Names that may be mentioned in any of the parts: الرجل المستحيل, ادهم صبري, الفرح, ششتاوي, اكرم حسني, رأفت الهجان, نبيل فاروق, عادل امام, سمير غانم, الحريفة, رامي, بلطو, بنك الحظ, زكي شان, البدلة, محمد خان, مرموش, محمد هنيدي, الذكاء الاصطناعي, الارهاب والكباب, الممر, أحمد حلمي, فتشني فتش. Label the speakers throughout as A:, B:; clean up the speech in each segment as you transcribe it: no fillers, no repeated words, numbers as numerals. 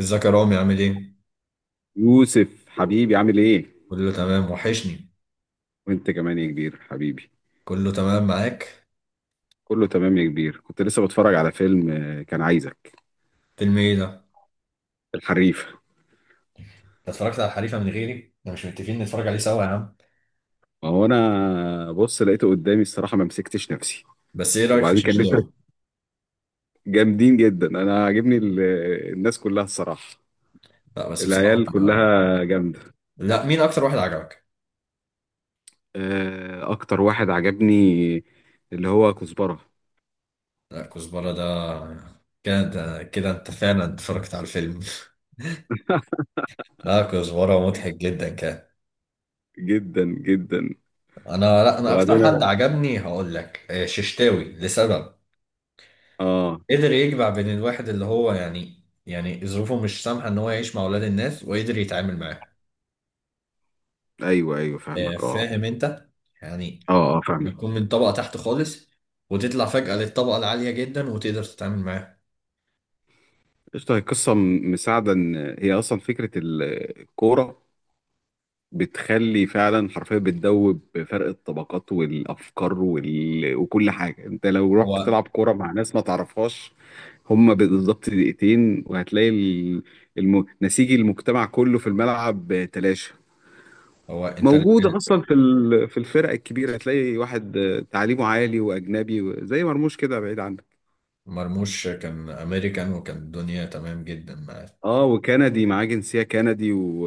A: ازيك يا رامي، عامل ايه؟
B: يوسف حبيبي عامل ايه؟
A: كله تمام، وحشني.
B: وانت كمان يا كبير حبيبي.
A: كله تمام معاك.
B: كله تمام يا كبير، كنت لسه بتفرج على فيلم كان عايزك.
A: فيلم ايه ده؟
B: الحريف.
A: انت اتفرجت على الحريفة من غيري؟ احنا مش متفقين نتفرج عليه سوا يا عم.
B: ما هو انا بص لقيته قدامي الصراحة ما مسكتش نفسي.
A: بس ايه رأيك في
B: وبعدين كان لسه
A: ششتاوي؟
B: جامدين جدا. انا عاجبني الناس كلها الصراحة.
A: لا، بس
B: العيال
A: بصراحة.
B: كلها جامدة.
A: لا، مين أكتر واحد عجبك؟
B: اكتر واحد عجبني اللي هو كزبرة.
A: لا، كزبرة ده؟ كده كده أنت فعلا اتفرجت على الفيلم. لا، كزبرة مضحك جدا كان.
B: جدا جدا.
A: لا، أنا أكتر
B: وبعدين
A: حد
B: انا
A: عجبني، هقول لك، ششتاوي لسبب.
B: اه
A: قدر يجمع بين الواحد اللي هو يعني ظروفه مش سامحة إن هو يعيش مع أولاد الناس وقدر يتعامل معاهم.
B: ايوه ايوه فاهمك. اه
A: فاهم انت، يعني
B: اه فاهمك.
A: بتكون من طبقة تحت خالص وتطلع فجأة للطبقة العالية جدا وتقدر تتعامل معاه.
B: قشطة، هي قصة مساعدة إن هي أصلا فكرة الكورة بتخلي فعلا حرفيا بتدوب فرق الطبقات والأفكار وكل حاجة. أنت لو رحت
A: هو
B: تلعب كورة مع ناس ما تعرفهاش هما بالظبط دقيقتين وهتلاقي نسيج المجتمع كله في الملعب تلاشى.
A: هو، انت
B: موجودة أصلا في الفرق الكبيرة هتلاقي واحد تعليمه عالي وأجنبي زي مرموش كده بعيد عنك.
A: مرموش كان امريكان وكان الدنيا تمام جدا معاه.
B: اه، وكندي، معاه جنسية كندي.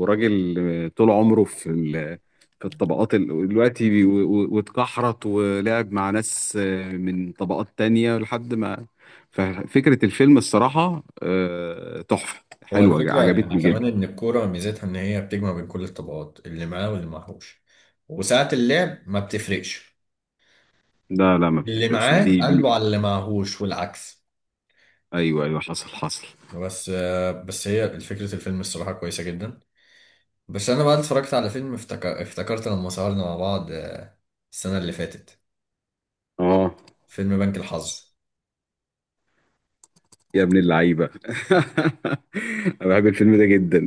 B: وراجل طول عمره في الطبقات دلوقتي واتكحرت ولعب مع ناس من طبقات تانية لحد ما. ففكرة الفيلم الصراحة تحفة
A: هو
B: حلوة
A: الفكرة يعني
B: عجبتني
A: كمان
B: جدا.
A: ان الكورة ميزتها ان هي بتجمع بين كل الطبقات اللي معاه واللي معهوش، وساعة اللعب ما بتفرقش،
B: لا لا ما
A: اللي
B: بتفرقش، ما
A: معاه
B: دي, دي.
A: قلبه على اللي معهوش والعكس.
B: ايوه ايوه حصل حصل.
A: بس هي فكرة الفيلم الصراحة كويسة جدا. بس انا بقى اتفرجت على فيلم، افتكرت لما سهرنا مع بعض، السنة اللي فاتت،
B: اه.
A: فيلم بنك الحظ.
B: يا ابن اللعيبة! انا بحب الفيلم ده جدا.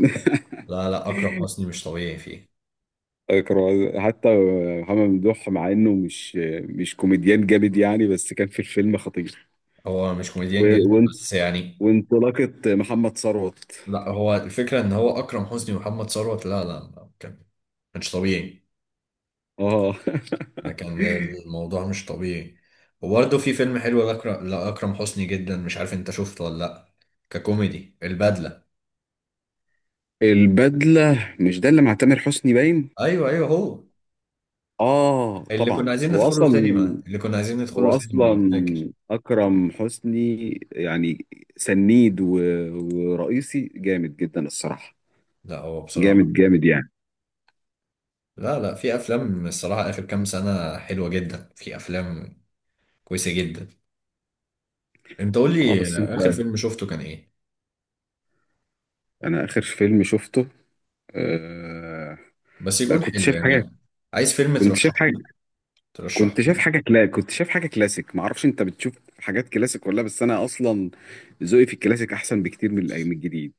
A: لا لا، اكرم حسني مش طبيعي فيه.
B: كانوا حتى محمد ممدوح مع انه مش كوميديان جامد يعني، بس كان في الفيلم خطير.
A: هو مش كوميديان
B: و-
A: جامد،
B: وان-
A: بس يعني.
B: وانطلاقة محمد ثروت.
A: لا، هو الفكرة ان هو اكرم حسني ومحمد ثروت، لا لا لا، كان مش طبيعي.
B: اه.
A: ده كان الموضوع مش طبيعي. وبرده في فيلم حلو لأكرم حسني جدا، مش عارف انت شفته ولا لا، ككوميدي، البدلة.
B: البدلة، مش ده اللي مع تامر حسني باين؟
A: ايوه ايوه، هو
B: اه
A: اللي كنا
B: طبعا.
A: عايزين
B: هو
A: ندخله
B: اصلا
A: سينما
B: هو اصلا
A: لو فاكر.
B: اكرم حسني يعني سنيد ورئيسي جامد جدا الصراحة.
A: لا، هو بصراحة.
B: جامد جامد يعني.
A: لا لا، في افلام الصراحه اخر كام سنه حلوه جدا، في افلام كويسه جدا. انت قول
B: اه
A: لي
B: بس انت.
A: اخر فيلم شفته كان ايه،
B: انا اخر فيلم شفته آه...
A: بس
B: لا
A: يكون
B: كنت
A: حلو
B: شايف حاجات.
A: يعني. عايز فيلم
B: كنت شايف
A: ترشحه
B: حاجة.
A: لي ترشحه
B: كنت شايف
A: لي
B: حاجه كنت شايف حاجه كلاسيك. ما اعرفش انت بتشوف حاجات كلاسيك ولا لا، بس انا اصلا ذوقي في الكلاسيك احسن بكتير من من الجديد.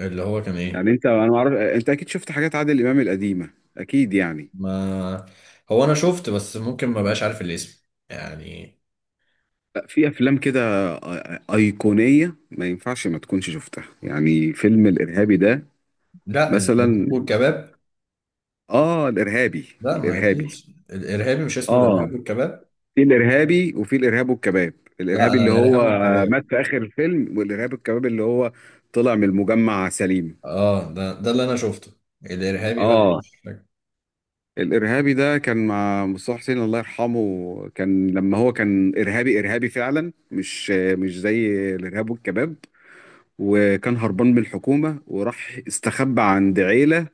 A: اللي هو كان
B: يعني
A: ايه؟
B: انت، انا ما اعرف، انت اكيد شفت حاجات عادل امام القديمه اكيد يعني.
A: ما هو انا شفت، بس ممكن ما بقاش عارف الاسم يعني.
B: لا، في افلام كده ايقونيه ما ينفعش ما تكونش شفتها، يعني فيلم الارهابي ده
A: لا، الارهاب
B: مثلا.
A: والكباب.
B: اه الارهابي.
A: لا، ما اكيد.
B: الارهابي.
A: الارهابي مش اسمه
B: اه،
A: الارهاب والكباب.
B: في الارهابي وفي الارهاب والكباب.
A: لا،
B: الارهابي
A: انا
B: اللي هو
A: الارهاب والكباب.
B: مات في اخر الفيلم، والارهاب والكباب اللي هو طلع من المجمع سليم.
A: اه، ده اللي انا شفته. الارهابي بقى
B: اه.
A: مش فاكر.
B: الارهابي ده كان مع مصطفى حسين الله يرحمه، كان لما هو كان ارهابي ارهابي فعلا، مش زي الارهاب والكباب. وكان هربان من الحكومه وراح استخبى عند عيله،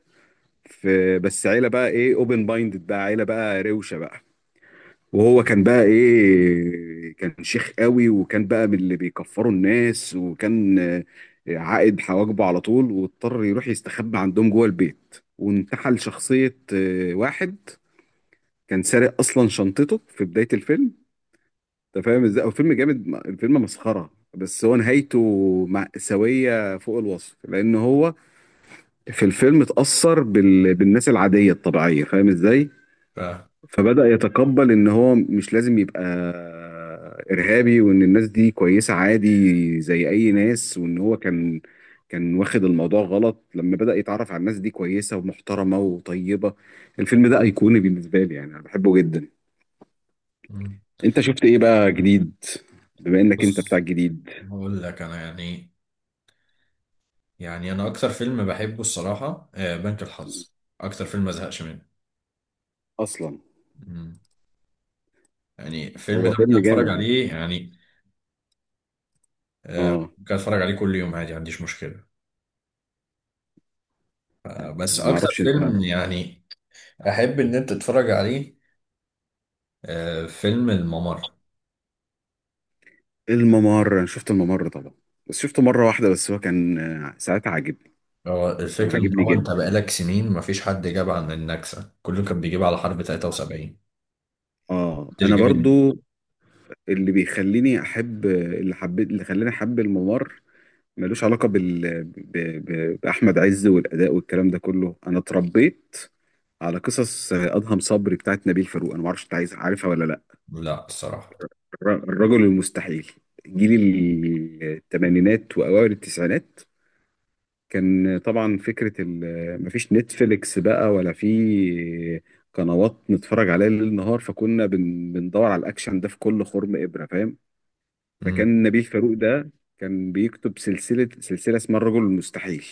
B: في بس عيله بقى ايه، اوبن مايندد بقى، عيله بقى روشه بقى. وهو كان بقى ايه، كان شيخ قوي وكان بقى من اللي بيكفروا الناس، وكان عائد حواجبه على طول، واضطر يروح يستخبى عندهم جوه البيت وانتحل شخصيه واحد كان سارق اصلا شنطته في بدايه الفيلم. انت فاهم ازاي هو فيلم جامد؟ الفيلم مسخره بس هو نهايته مأساوية فوق الوصف. لأن هو في الفيلم اتأثر بالناس العادية الطبيعية، فاهم ازاي؟
A: ف-
B: فبدأ يتقبل إن هو مش لازم يبقى إرهابي، وإن الناس دي كويسة عادي زي أي ناس، وإن هو كان كان واخد الموضوع غلط، لما بدأ يتعرف على الناس دي كويسة ومحترمة وطيبة. الفيلم ده أيقوني بالنسبة لي يعني، أنا بحبه جدا. انت شفت ايه بقى جديد؟ بما انك انت بتاع
A: بص،
B: الجديد
A: هقول لك انا يعني. يعني انا اكتر فيلم بحبه الصراحه، بنك الحظ. اكتر فيلم ما زهقش منه.
B: اصلا.
A: مم. يعني الفيلم
B: هو
A: ده ممكن
B: فيلم
A: اتفرج
B: جامد.
A: عليه، يعني
B: اه.
A: ممكن اتفرج عليه كل يوم عادي، ما عنديش مشكله. ف- بس
B: انا ما
A: اكتر
B: اعرفش انت.
A: فيلم يعني احب ان انت تتفرج عليه، فيلم الممر.
B: الممر، انا شفت الممر طبعا بس شفته مره واحده، بس هو كان ساعتها عاجبني.
A: هو
B: كان
A: الفكره ان
B: عاجبني
A: هو انت
B: جدا.
A: بقالك سنين ما فيش حد جاب عن النكسه، كله كان بيجيب على حرب 73.
B: اه
A: محدش
B: انا
A: جاب
B: برضو اللي بيخليني احب، اللي حبيت اللي خلاني احب الممر، ملوش علاقه باحمد عز والاداء والكلام ده كله. انا اتربيت على قصص ادهم صبري بتاعت نبيل فاروق. انا ما اعرفش انت عايز عارفها ولا لا.
A: لا، الصراحه.
B: الرجل المستحيل، جيل الثمانينات واوائل التسعينات. كان طبعا فكره مفيش نتفليكس بقى ولا في قنوات نتفرج عليها ليل نهار، فكنا بندور على الاكشن ده في كل خرم ابره، فاهم؟
A: مم.
B: فكان نبيل فاروق ده كان بيكتب سلسله اسمها الرجل المستحيل،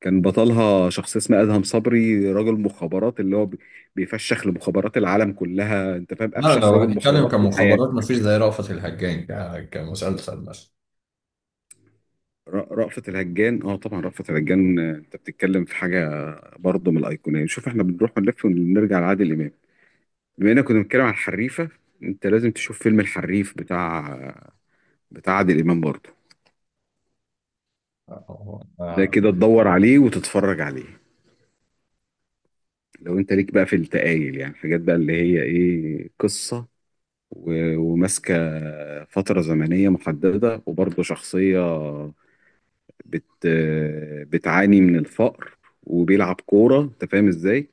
B: كان بطلها شخص اسمه ادهم صبري، رجل مخابرات اللي هو بيفشخ لمخابرات العالم كلها. انت فاهم
A: لا،
B: افشخ
A: لو
B: رجل
A: هنتكلم
B: مخابرات في الحياه؟
A: كمخابرات مفيش زي رأفت الهجان، كمسلسل
B: رأفت الهجان، اه طبعا رأفت الهجان. انت بتتكلم في حاجه برضه من الايقونيه. شوف احنا بنروح ونلف ونرجع لعادل امام، بما اننا كنا بنتكلم عن الحريفه، انت لازم تشوف فيلم الحريف بتاع عادل امام برضه. ده
A: مثلا.
B: كده تدور عليه وتتفرج عليه. لو انت ليك بقى في التقايل، يعني حاجات بقى اللي هي ايه، قصه وماسكه فتره زمنيه محدده، وبرضه شخصيه بت بتعاني من الفقر وبيلعب كوره، انت فاهم ازاي؟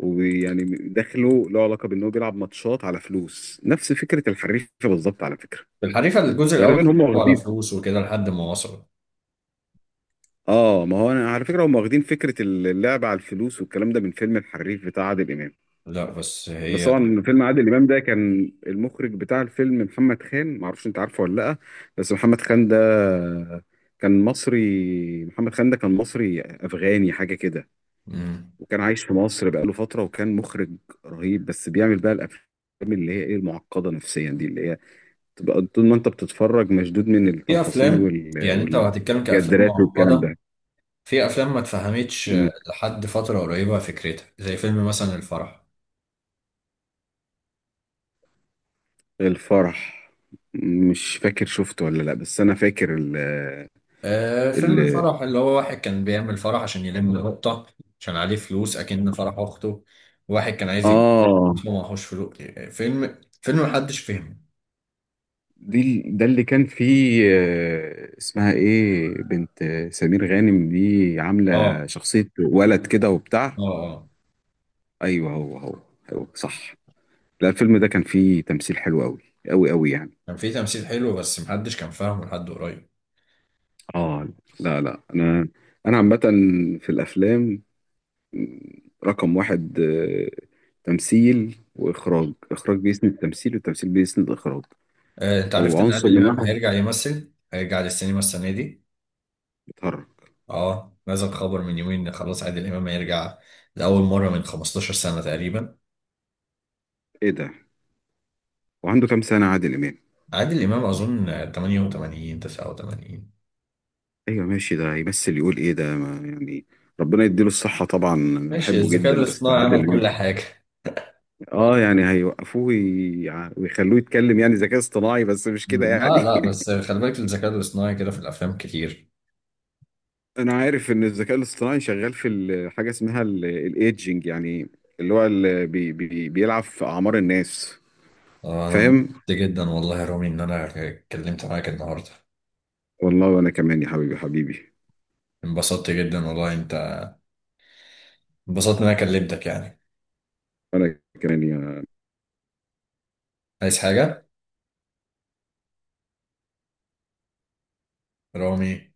B: ويعني دخله له علاقه بان هو بيلعب ماتشات على فلوس، نفس فكره الحريفه بالظبط على فكره.
A: الحريفة الجزء الأول كان
B: غالبا هم
A: بيلعبوا على
B: واخدين.
A: فلوس وكده لحد ما وصلوا.
B: اه، ما هو انا على فكره هم واخدين فكره اللعب على الفلوس والكلام ده من فيلم الحريف بتاع عادل امام.
A: لا، بس
B: بس
A: هي.
B: طبعا فيلم عادل امام ده كان المخرج بتاع الفيلم محمد خان، ما اعرفش انت عارفه ولا لا. بس محمد خان ده كان مصري، محمد خان ده كان مصري افغاني حاجه كده.
A: مم.
B: وكان عايش في مصر بقاله فتره، وكان مخرج رهيب. بس بيعمل بقى الافلام اللي هي ايه، المعقده نفسيا دي، اللي هي تبقى طول ما انت بتتفرج مشدود من
A: في
B: التفاصيل
A: أفلام، يعني أنت لو هتتكلم كأفلام
B: والكادرات والكلام
A: معقدة،
B: ده.
A: في أفلام ما اتفهمتش
B: مم.
A: لحد فترة قريبة، فكرتها زي فيلم مثلا الفرح.
B: الفرح، مش فاكر شفته ولا لا، بس انا فاكر ال
A: فيلم
B: ال
A: الفرح اللي هو واحد كان بيعمل فرح عشان يلم نقطة، عشان عليه فلوس، أكن فرح أخته. واحد كان عايز يجيب،
B: اه.
A: بس هو معهوش فلوس. فيلم محدش فهمه.
B: دي ده اللي كان فيه اسمها ايه، بنت سمير غانم دي عاملة
A: اه
B: شخصية ولد كده وبتاع.
A: اه اه،
B: ايوه هو هو. هو صح. لا الفيلم ده كان فيه تمثيل حلو قوي قوي قوي يعني.
A: كان في تمثيل حلو بس محدش كان فاهمه لحد قريب.
B: اه. لا لا، انا انا عامة في الافلام رقم واحد تمثيل وإخراج. إخراج بيسند التمثيل والتمثيل بيسند الإخراج.
A: انت
B: لو
A: عرفت ان
B: عنصر
A: عادل
B: من
A: امام
B: واحد
A: هيرجع يمثل، هيرجع للسينما السنه دي؟
B: بيتهرب.
A: اه، نزل خبر من يومين ان خلاص عادل امام هيرجع، لاول مره من 15 سنه تقريبا.
B: إيه ده؟ وعنده كام سنة عادل إمام؟
A: عادل امام اظن 88 89.
B: أيوة ماشي، ده هيمثل يقول إيه ده ما يعني. ربنا يديله الصحة، طبعا أنا
A: ماشي،
B: بحبه
A: الذكاء
B: جدا بس
A: الاصطناعي
B: عادل
A: عمل كل
B: إمام.
A: حاجه.
B: آه يعني هيوقفوه ويخلوه يتكلم، يعني ذكاء اصطناعي بس مش كده
A: لا
B: يعني.
A: لا، بس خلي بالك الذكاء الاصطناعي كده في الافلام كتير.
B: أنا عارف إن الذكاء الاصطناعي شغال في حاجة اسمها الإيدجينج، يعني اللي هو اللي بي بي بيلعب في أعمار الناس.
A: انا انبسطت
B: فاهم.
A: جدا والله يا رامي ان انا اتكلمت معاك النهارده.
B: والله وانا كمان يا حبيبي حبيبي.
A: انبسطت جدا والله، انت. انبسطت ان انا كلمتك يعني.
B: انا كمان يا
A: عايز حاجه، رامي؟